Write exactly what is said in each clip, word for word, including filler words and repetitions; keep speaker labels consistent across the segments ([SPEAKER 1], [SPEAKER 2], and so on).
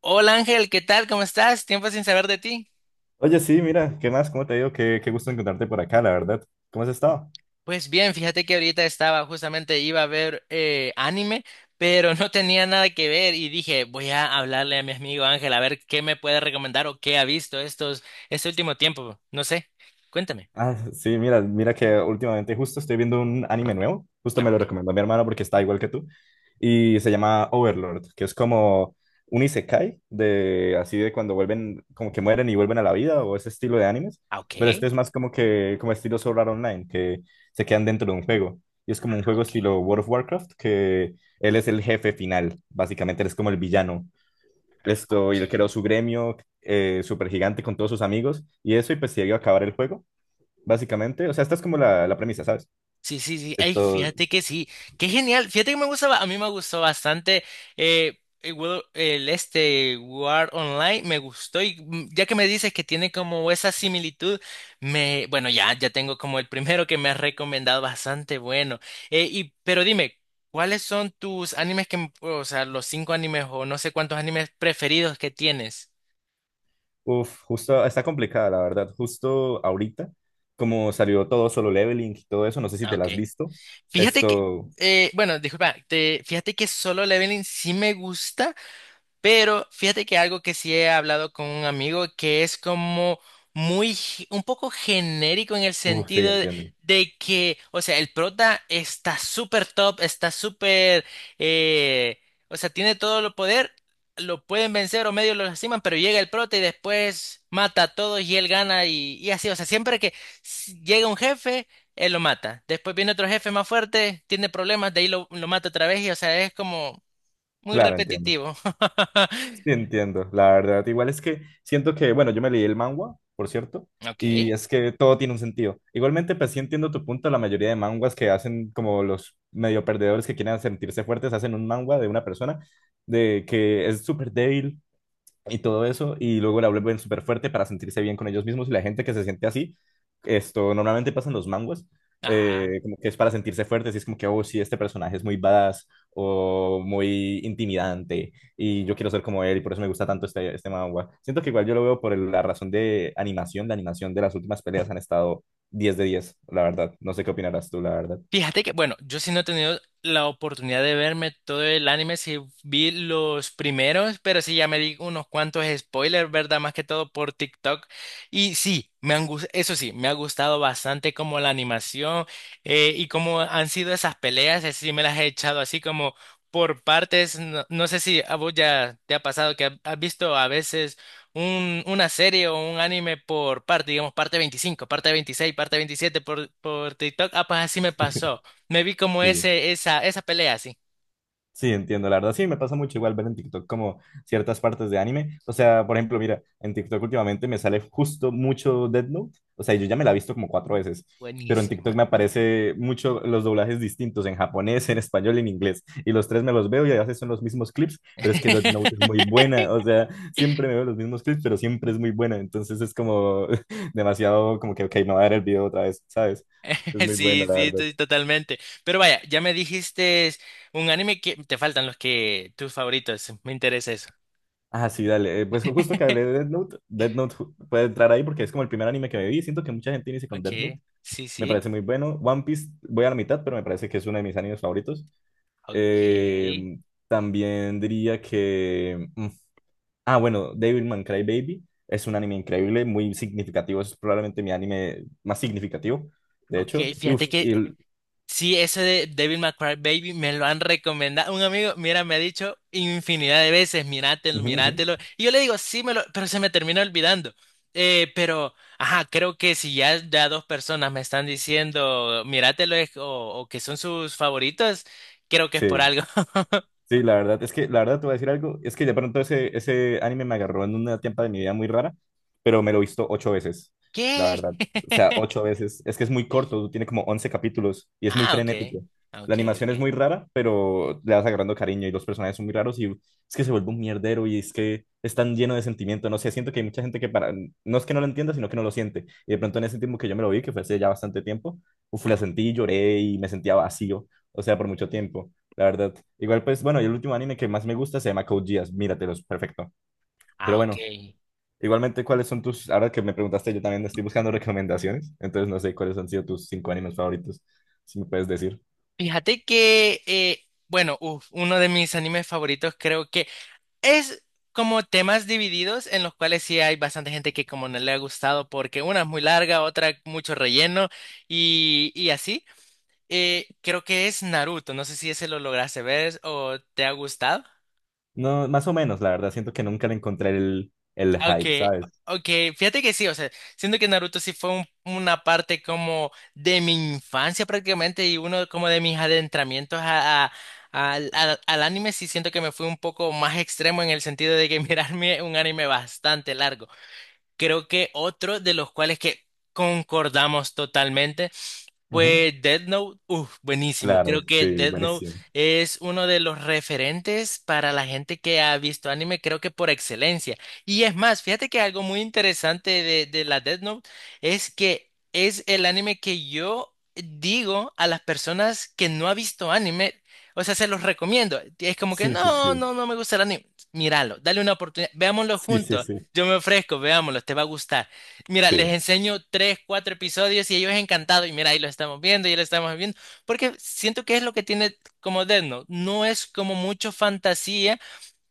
[SPEAKER 1] Hola Ángel, ¿qué tal? ¿Cómo estás? Tiempo sin saber de ti.
[SPEAKER 2] Oye, sí, mira, ¿qué más? ¿Cómo te digo? Qué, qué gusto encontrarte por acá, la verdad. ¿Cómo has estado?
[SPEAKER 1] Pues bien, fíjate que ahorita estaba justamente iba a ver eh, anime, pero no tenía nada que ver y dije, voy a hablarle a mi amigo Ángel a ver qué me puede recomendar o qué ha visto estos este último tiempo. No sé. Cuéntame.
[SPEAKER 2] Ah, sí, mira, mira que últimamente justo estoy viendo un anime nuevo. Justo
[SPEAKER 1] Ah,
[SPEAKER 2] me lo
[SPEAKER 1] ok.
[SPEAKER 2] recomendó mi hermano porque está igual que tú. Y se llama Overlord, que es como un isekai de así de cuando vuelven, como que mueren y vuelven a la vida o ese estilo de animes.
[SPEAKER 1] Ah,
[SPEAKER 2] Pero este
[SPEAKER 1] ok.
[SPEAKER 2] es más como que, como estilo Sword Art Online, que se quedan dentro de un juego. Y es como un
[SPEAKER 1] Ah,
[SPEAKER 2] juego
[SPEAKER 1] ok.
[SPEAKER 2] estilo World of Warcraft, que él es el jefe final. Básicamente, él es como el villano.
[SPEAKER 1] Ah,
[SPEAKER 2] Esto, y él creó
[SPEAKER 1] ok.
[SPEAKER 2] su gremio eh, súper gigante con todos sus amigos y eso, y pues se iba a acabar el juego, básicamente. O sea, esta es como la, la premisa, ¿sabes?
[SPEAKER 1] Sí, sí, sí. Ay,
[SPEAKER 2] Esto,
[SPEAKER 1] fíjate que sí. Qué genial. Fíjate que me gusta, ba- a mí me gustó bastante eh, el, Will- el este War Online. Me gustó y mm, ya que me dices que tiene como esa similitud, me, bueno, ya, ya tengo como el primero que me has recomendado bastante bueno. Eh, y, pero dime, ¿cuáles son tus animes que, o sea, los cinco animes o no sé cuántos animes preferidos que tienes?
[SPEAKER 2] uf, justo, está complicada, la verdad. Justo ahorita, como salió todo solo leveling y todo eso, no sé si
[SPEAKER 1] Ah,
[SPEAKER 2] te la
[SPEAKER 1] ok.
[SPEAKER 2] has visto.
[SPEAKER 1] Fíjate que,
[SPEAKER 2] Esto,
[SPEAKER 1] eh, bueno, Disculpa, te, fíjate que Solo Leveling sí me gusta. Pero fíjate que algo que sí he hablado con un amigo que es como muy, ge- un poco genérico en el
[SPEAKER 2] uf, sí,
[SPEAKER 1] sentido de,
[SPEAKER 2] entiendo.
[SPEAKER 1] de que, o sea, el prota está súper top, está súper, eh, o sea, tiene todo el poder, lo pueden vencer o medio lo lastiman, pero llega el prota y después mata a todos y él gana y, y así. O sea, siempre que s- llega un jefe, él lo mata. Después viene otro jefe más fuerte, tiene problemas, de ahí lo, lo mata otra vez y, o sea, es como muy
[SPEAKER 2] Claro, entiendo.
[SPEAKER 1] repetitivo.
[SPEAKER 2] Sí, entiendo, la verdad. Igual es que siento que, bueno, yo me leí el manhwa, por cierto, y
[SPEAKER 1] Ok.
[SPEAKER 2] es que todo tiene un sentido. Igualmente, pues sí entiendo tu punto, la mayoría de manguas que hacen como los medio perdedores que quieren sentirse fuertes, hacen un manhwa de una persona de que es súper débil y todo eso, y luego la vuelven súper fuerte para sentirse bien con ellos mismos y la gente que se siente así, esto normalmente pasa en los manguas,
[SPEAKER 1] Ajá.
[SPEAKER 2] eh, como que es para sentirse fuertes y es como que, oh, sí, este personaje es muy badass o muy intimidante y yo quiero ser como él y por eso me gusta tanto este, este manga. Siento que igual yo lo veo por el- la razón de animación, la animación de las últimas peleas han estado diez de diez, la verdad. No sé qué opinarás tú, la verdad.
[SPEAKER 1] Fíjate que, bueno, yo sí no he tenido la oportunidad de verme todo el anime, sí vi los primeros, pero sí ya me di unos cuantos spoilers, ¿verdad? Más que todo por TikTok. Y sí, me han gus- eso sí, me ha gustado bastante como la animación eh, y cómo han sido esas peleas, es sí me las he echado así como por partes. No, no sé si a vos ya te ha pasado que ha- has visto a veces un- una serie o un anime por parte, digamos, parte veinticinco parte veintiséis parte veintisiete por, por TikTok. Ah, pues así me pasó. Me vi como
[SPEAKER 2] Sí.
[SPEAKER 1] ese, esa, esa pelea así.
[SPEAKER 2] Sí, entiendo, la verdad, sí, me pasa mucho igual ver en TikTok como ciertas partes de anime. O sea, por ejemplo, mira, en TikTok últimamente me sale justo mucho Death Note. O sea, yo ya me la he visto como cuatro veces, pero en TikTok
[SPEAKER 1] Buenísima.
[SPEAKER 2] me aparece mucho los doblajes distintos en japonés, en español y en inglés. Y los tres me los veo y a veces son los mismos clips, pero es que Death Note es muy buena. O sea, siempre me veo los mismos clips, pero siempre es muy buena. Entonces es como demasiado como que, ok, me voy a ver el video otra vez, ¿sabes? Es muy buena,
[SPEAKER 1] Sí,
[SPEAKER 2] la
[SPEAKER 1] sí,
[SPEAKER 2] verdad.
[SPEAKER 1] estoy totalmente. Pero vaya, ya me dijiste un anime que te faltan los que tus favoritos. Me interesa eso.
[SPEAKER 2] Ah, sí, dale. eh, Pues justo que hablé de Death Note, Death Note ju- puede entrar ahí porque es como el primer anime que me vi. Siento que mucha gente inicia con Death Note.
[SPEAKER 1] Ok, sí,
[SPEAKER 2] Me
[SPEAKER 1] sí.
[SPEAKER 2] parece muy bueno. One Piece, voy a la mitad, pero me parece que es uno de mis animes favoritos.
[SPEAKER 1] Ok,
[SPEAKER 2] Eh, también diría que. mm, Ah, bueno, Devilman Crybaby es un anime increíble, muy significativo. Es probablemente mi anime más significativo, de
[SPEAKER 1] ok.
[SPEAKER 2] hecho. Y, uf,
[SPEAKER 1] Fíjate
[SPEAKER 2] y
[SPEAKER 1] que
[SPEAKER 2] el-
[SPEAKER 1] Sí, ese de Devil May Cry Baby me lo han recomendado. Un amigo, mira, me ha dicho infinidad de veces, míratelo,
[SPEAKER 2] ujú, ujú.
[SPEAKER 1] míratelo. Y yo le digo, sí, me lo, pero se me termina olvidando. Eh, pero, ajá, creo que si ya, ya dos personas me están diciendo, míratelo, es- o, o que son sus favoritos, creo que es por
[SPEAKER 2] Sí.
[SPEAKER 1] algo.
[SPEAKER 2] Sí, la verdad, es que, la verdad, te voy a decir algo, es que de pronto ese, ese anime me agarró en una etapa de mi vida muy rara, pero me lo he visto ocho veces, la
[SPEAKER 1] ¿Qué?
[SPEAKER 2] verdad. O sea, ocho veces. Es que es muy corto, tiene como once capítulos y es muy
[SPEAKER 1] Ah, ok.
[SPEAKER 2] frenético.
[SPEAKER 1] Ah,
[SPEAKER 2] La
[SPEAKER 1] ok,
[SPEAKER 2] animación es
[SPEAKER 1] ok.
[SPEAKER 2] muy rara, pero le vas agarrando cariño y los personajes son muy raros y es que se vuelve un mierdero y es que es tan lleno de sentimiento. No sé, siento que hay mucha gente que para, no es que no lo entienda, sino que no lo siente. Y de pronto en ese tiempo que yo me lo vi, que fue hace ya bastante tiempo, uf, la sentí, lloré y me sentía vacío, o sea, por mucho tiempo la verdad. Igual, pues, bueno, y el último anime que más me gusta se llama Code Geass, míratelos, perfecto. Pero
[SPEAKER 1] Ah, ok.
[SPEAKER 2] bueno, igualmente, ¿cuáles son tus, ahora que me preguntaste, yo también estoy buscando recomendaciones, entonces no sé cuáles han sido tus cinco animes favoritos, si me puedes decir.
[SPEAKER 1] Fíjate que, eh, bueno, uf, Uno de mis animes favoritos creo que es como temas divididos en los cuales sí hay bastante gente que como no le ha gustado porque una es muy larga, otra mucho relleno y, y así. Eh, creo que es Naruto, no sé si ese lo lograste ver o te ha gustado.
[SPEAKER 2] No, más o menos, la verdad, siento que nunca le encontré el, el hype,
[SPEAKER 1] Aunque,
[SPEAKER 2] ¿sabes?
[SPEAKER 1] Aunque fíjate que sí, o sea, siento que Naruto sí fue un- una parte como de mi infancia prácticamente y uno como de mis adentramientos a, a- al, al al anime, sí siento que me fui un poco más extremo en el sentido de que mirarme un anime bastante largo. Creo que otro de los cuales que concordamos totalmente
[SPEAKER 2] Ujú.
[SPEAKER 1] pues Death Note, uff, buenísimo. Creo
[SPEAKER 2] Claro,
[SPEAKER 1] que
[SPEAKER 2] sí,
[SPEAKER 1] Death Note
[SPEAKER 2] buenísimo.
[SPEAKER 1] es uno de los referentes para la gente que ha visto anime, creo que por excelencia. Y es más, fíjate que algo muy interesante de, de la Death Note es que es el anime que yo digo a las personas que no ha visto anime, o sea, se los recomiendo. Es como que
[SPEAKER 2] Sí, sí,
[SPEAKER 1] no,
[SPEAKER 2] sí.
[SPEAKER 1] no, no me gusta el anime. Míralo, dale una oportunidad, veámoslo
[SPEAKER 2] Sí, sí,
[SPEAKER 1] juntos.
[SPEAKER 2] sí.
[SPEAKER 1] Yo me ofrezco, veámoslo, te va a gustar. Mira, les
[SPEAKER 2] Sí,
[SPEAKER 1] enseño tres, cuatro episodios y ellos encantados. Y mira, ahí lo estamos viendo, y lo estamos viendo. Porque siento que es lo que tiene como Death Note. No es como mucho fantasía,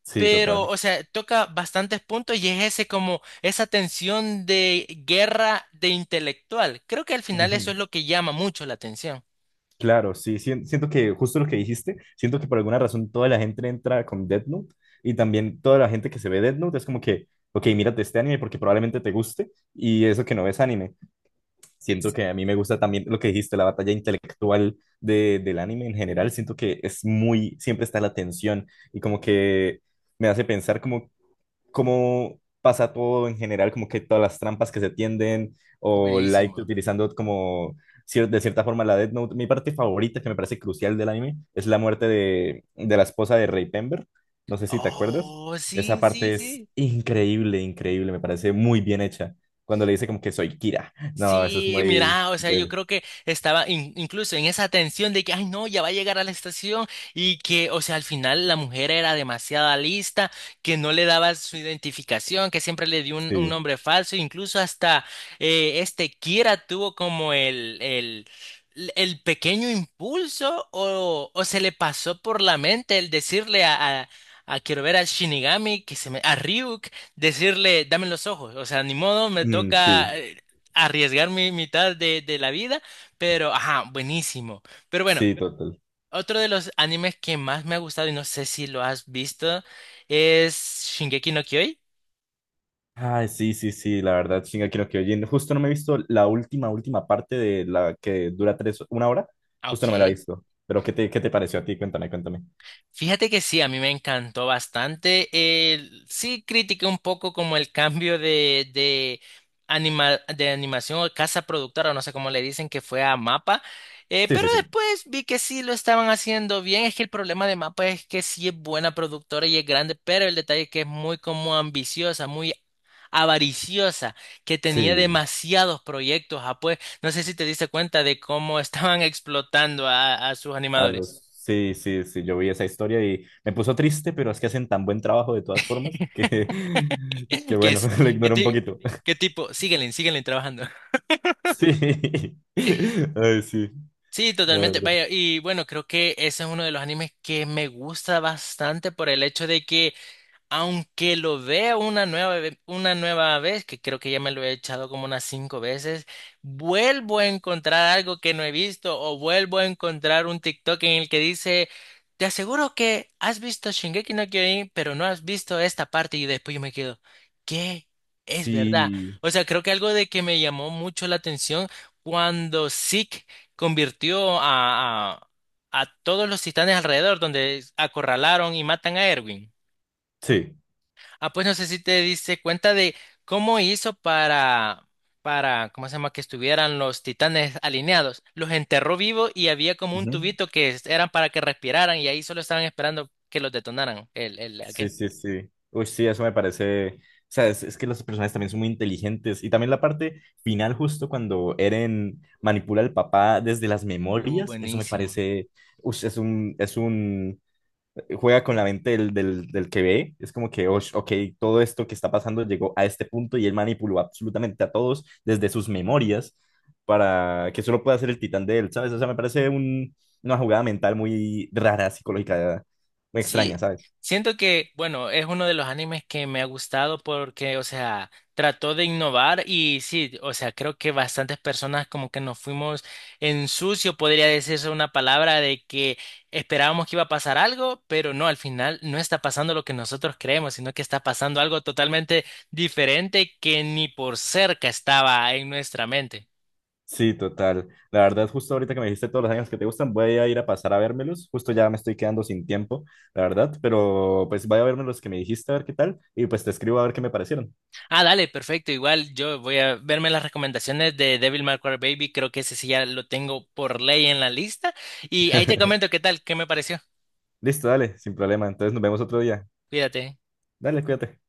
[SPEAKER 2] sí,
[SPEAKER 1] pero,
[SPEAKER 2] total.
[SPEAKER 1] o sea, toca bastantes puntos y es ese como esa tensión de guerra de intelectual. Creo que al final eso es
[SPEAKER 2] Ujú.
[SPEAKER 1] lo que llama mucho la atención.
[SPEAKER 2] Claro, sí, sien- siento que justo lo que dijiste, siento que por alguna razón toda la gente entra con Death Note y también toda la gente que se ve Death Note es como que, ok, mírate este anime porque probablemente te guste y eso que no ves anime. Siento que a mí me gusta también lo que dijiste, la batalla intelectual de, del anime en general, siento que es muy, siempre está la tensión y como que me hace pensar como cómo pasa todo en general, como que todas las trampas que se tienden,
[SPEAKER 1] Sí.
[SPEAKER 2] o Light
[SPEAKER 1] Buenísimo.
[SPEAKER 2] utilizando como cier- de cierta forma la Death Note. Mi parte favorita, que me parece crucial del anime, es la muerte de, de la esposa de Rey Pember. No sé si te acuerdas.
[SPEAKER 1] Oh,
[SPEAKER 2] Esa
[SPEAKER 1] sí, sí,
[SPEAKER 2] parte es
[SPEAKER 1] sí.
[SPEAKER 2] increíble, increíble, me parece muy bien hecha. Cuando le dice como que soy Kira. No, eso es
[SPEAKER 1] Sí,
[SPEAKER 2] muy...
[SPEAKER 1] mira, o sea, yo
[SPEAKER 2] del-
[SPEAKER 1] creo que estaba in- incluso en esa tensión de que, ay, no, ya va a llegar a la estación y que, o sea, al final la mujer era demasiada lista, que no le daba su identificación, que siempre le dio un, un
[SPEAKER 2] Sí.
[SPEAKER 1] nombre falso, incluso hasta eh, este Kira tuvo como el, el, el pequeño impulso o, o se le pasó por la mente el decirle a, a, a quiero ver al Shinigami, que se me, a Ryuk decirle, dame los ojos, o sea, ni modo, me
[SPEAKER 2] Mm, sí,
[SPEAKER 1] toca, eh, arriesgar mi mitad de, de la vida, pero ajá, buenísimo. Pero bueno,
[SPEAKER 2] sí, total.
[SPEAKER 1] otro de los animes que más me ha gustado y no sé si lo has visto es Shingeki no Kyojin.
[SPEAKER 2] Ay, sí, sí, sí, la verdad, Shingeki no Kyojin. Justo no me he visto la última, última parte de la que dura tres, una hora.
[SPEAKER 1] Ah,
[SPEAKER 2] Justo no me la he
[SPEAKER 1] ok.
[SPEAKER 2] visto. Pero ¿qué te, qué te pareció a ti? Cuéntame, cuéntame.
[SPEAKER 1] Fíjate que sí, a mí me encantó bastante. Eh, sí critiqué un poco como el cambio de, de, anima- de animación o casa productora, no sé cómo le dicen, que fue a Mapa. Eh,
[SPEAKER 2] Sí,
[SPEAKER 1] pero
[SPEAKER 2] sí, sí.
[SPEAKER 1] después vi que sí lo estaban haciendo bien. Es que el problema de Mapa es que sí es buena productora y es grande, pero el detalle es que es muy como ambiciosa, muy avariciosa, que tenía
[SPEAKER 2] Sí,
[SPEAKER 1] demasiados proyectos. Ah, pues no sé si te diste cuenta de cómo estaban explotando a a sus
[SPEAKER 2] a
[SPEAKER 1] animadores.
[SPEAKER 2] los... Sí, sí, sí, yo vi esa historia y me puso triste, pero es que hacen tan buen trabajo de todas formas que, que
[SPEAKER 1] ¿Que
[SPEAKER 2] bueno,
[SPEAKER 1] es?
[SPEAKER 2] lo
[SPEAKER 1] ¿Qué,
[SPEAKER 2] ignoro un
[SPEAKER 1] ti-
[SPEAKER 2] poquito.
[SPEAKER 1] qué tipo? Síguenle, síguenle trabajando.
[SPEAKER 2] Sí. Ay, sí,
[SPEAKER 1] Sí,
[SPEAKER 2] la
[SPEAKER 1] totalmente.
[SPEAKER 2] verdad.
[SPEAKER 1] Vaya, y bueno, creo que ese es uno de los animes que me gusta bastante por el hecho de que aunque lo vea una nueva, ve- una nueva vez, que creo que ya me lo he echado como unas cinco veces, vuelvo a encontrar algo que no he visto o vuelvo a encontrar un TikTok en el que dice, te aseguro que has visto Shingeki no Kyojin, pero no has visto esta parte y después yo me quedo, ¿qué? Es verdad.
[SPEAKER 2] Sí,
[SPEAKER 1] O sea, creo que algo de que me llamó mucho la atención cuando Zeke convirtió a, a, a todos los titanes alrededor, donde acorralaron y matan a Erwin.
[SPEAKER 2] sí.
[SPEAKER 1] Ah, pues no sé si te diste cuenta de cómo hizo para, para, ¿cómo se llama? Que estuvieran los titanes alineados. Los enterró vivos y había como un
[SPEAKER 2] Ujú.
[SPEAKER 1] tubito que es- eran para que respiraran y ahí solo estaban esperando que los detonaran. El, el,
[SPEAKER 2] Sí,
[SPEAKER 1] aquel.
[SPEAKER 2] sí, sí. Uy, sí, eso me parece. O sea, es, es que los personajes también son muy inteligentes. Y también la parte final, justo cuando Eren manipula al papá desde las
[SPEAKER 1] Uh,
[SPEAKER 2] memorias, eso me
[SPEAKER 1] buenísimo.
[SPEAKER 2] parece. Uy, es un, es un. Juega con la mente del, del, del que ve. Es como que, ush, ok, todo esto que está pasando llegó a este punto y él manipuló absolutamente a todos desde sus memorias para que solo pueda ser el titán de él, ¿sabes? O sea, me parece un- una jugada mental muy rara, psicológica, muy
[SPEAKER 1] Sí,
[SPEAKER 2] extraña, ¿sabes?
[SPEAKER 1] siento que, bueno, es uno de los animes que me ha gustado porque, o sea, trató de innovar y sí, o sea, creo que bastantes personas como que nos fuimos en sucio, podría decirse una palabra de que esperábamos que iba a pasar algo, pero no, al final no está pasando lo que nosotros creemos, sino que está pasando algo totalmente diferente que ni por cerca estaba en nuestra mente.
[SPEAKER 2] Sí, total. La verdad, justo ahorita que me dijiste todos los años que te gustan, voy a ir a pasar a vérmelos. Justo ya me estoy quedando sin tiempo, la verdad, pero pues voy a verme los que me dijiste a ver qué tal y pues te escribo a ver qué me parecieron.
[SPEAKER 1] Ah, dale, perfecto. Igual yo voy a verme las recomendaciones de Devil May Cry Baby. Creo que ese sí ya lo tengo por ley en la lista. Y ahí te comento qué tal, qué me pareció.
[SPEAKER 2] Listo, dale, sin problema. Entonces nos vemos otro día.
[SPEAKER 1] Cuídate.
[SPEAKER 2] Dale, cuídate.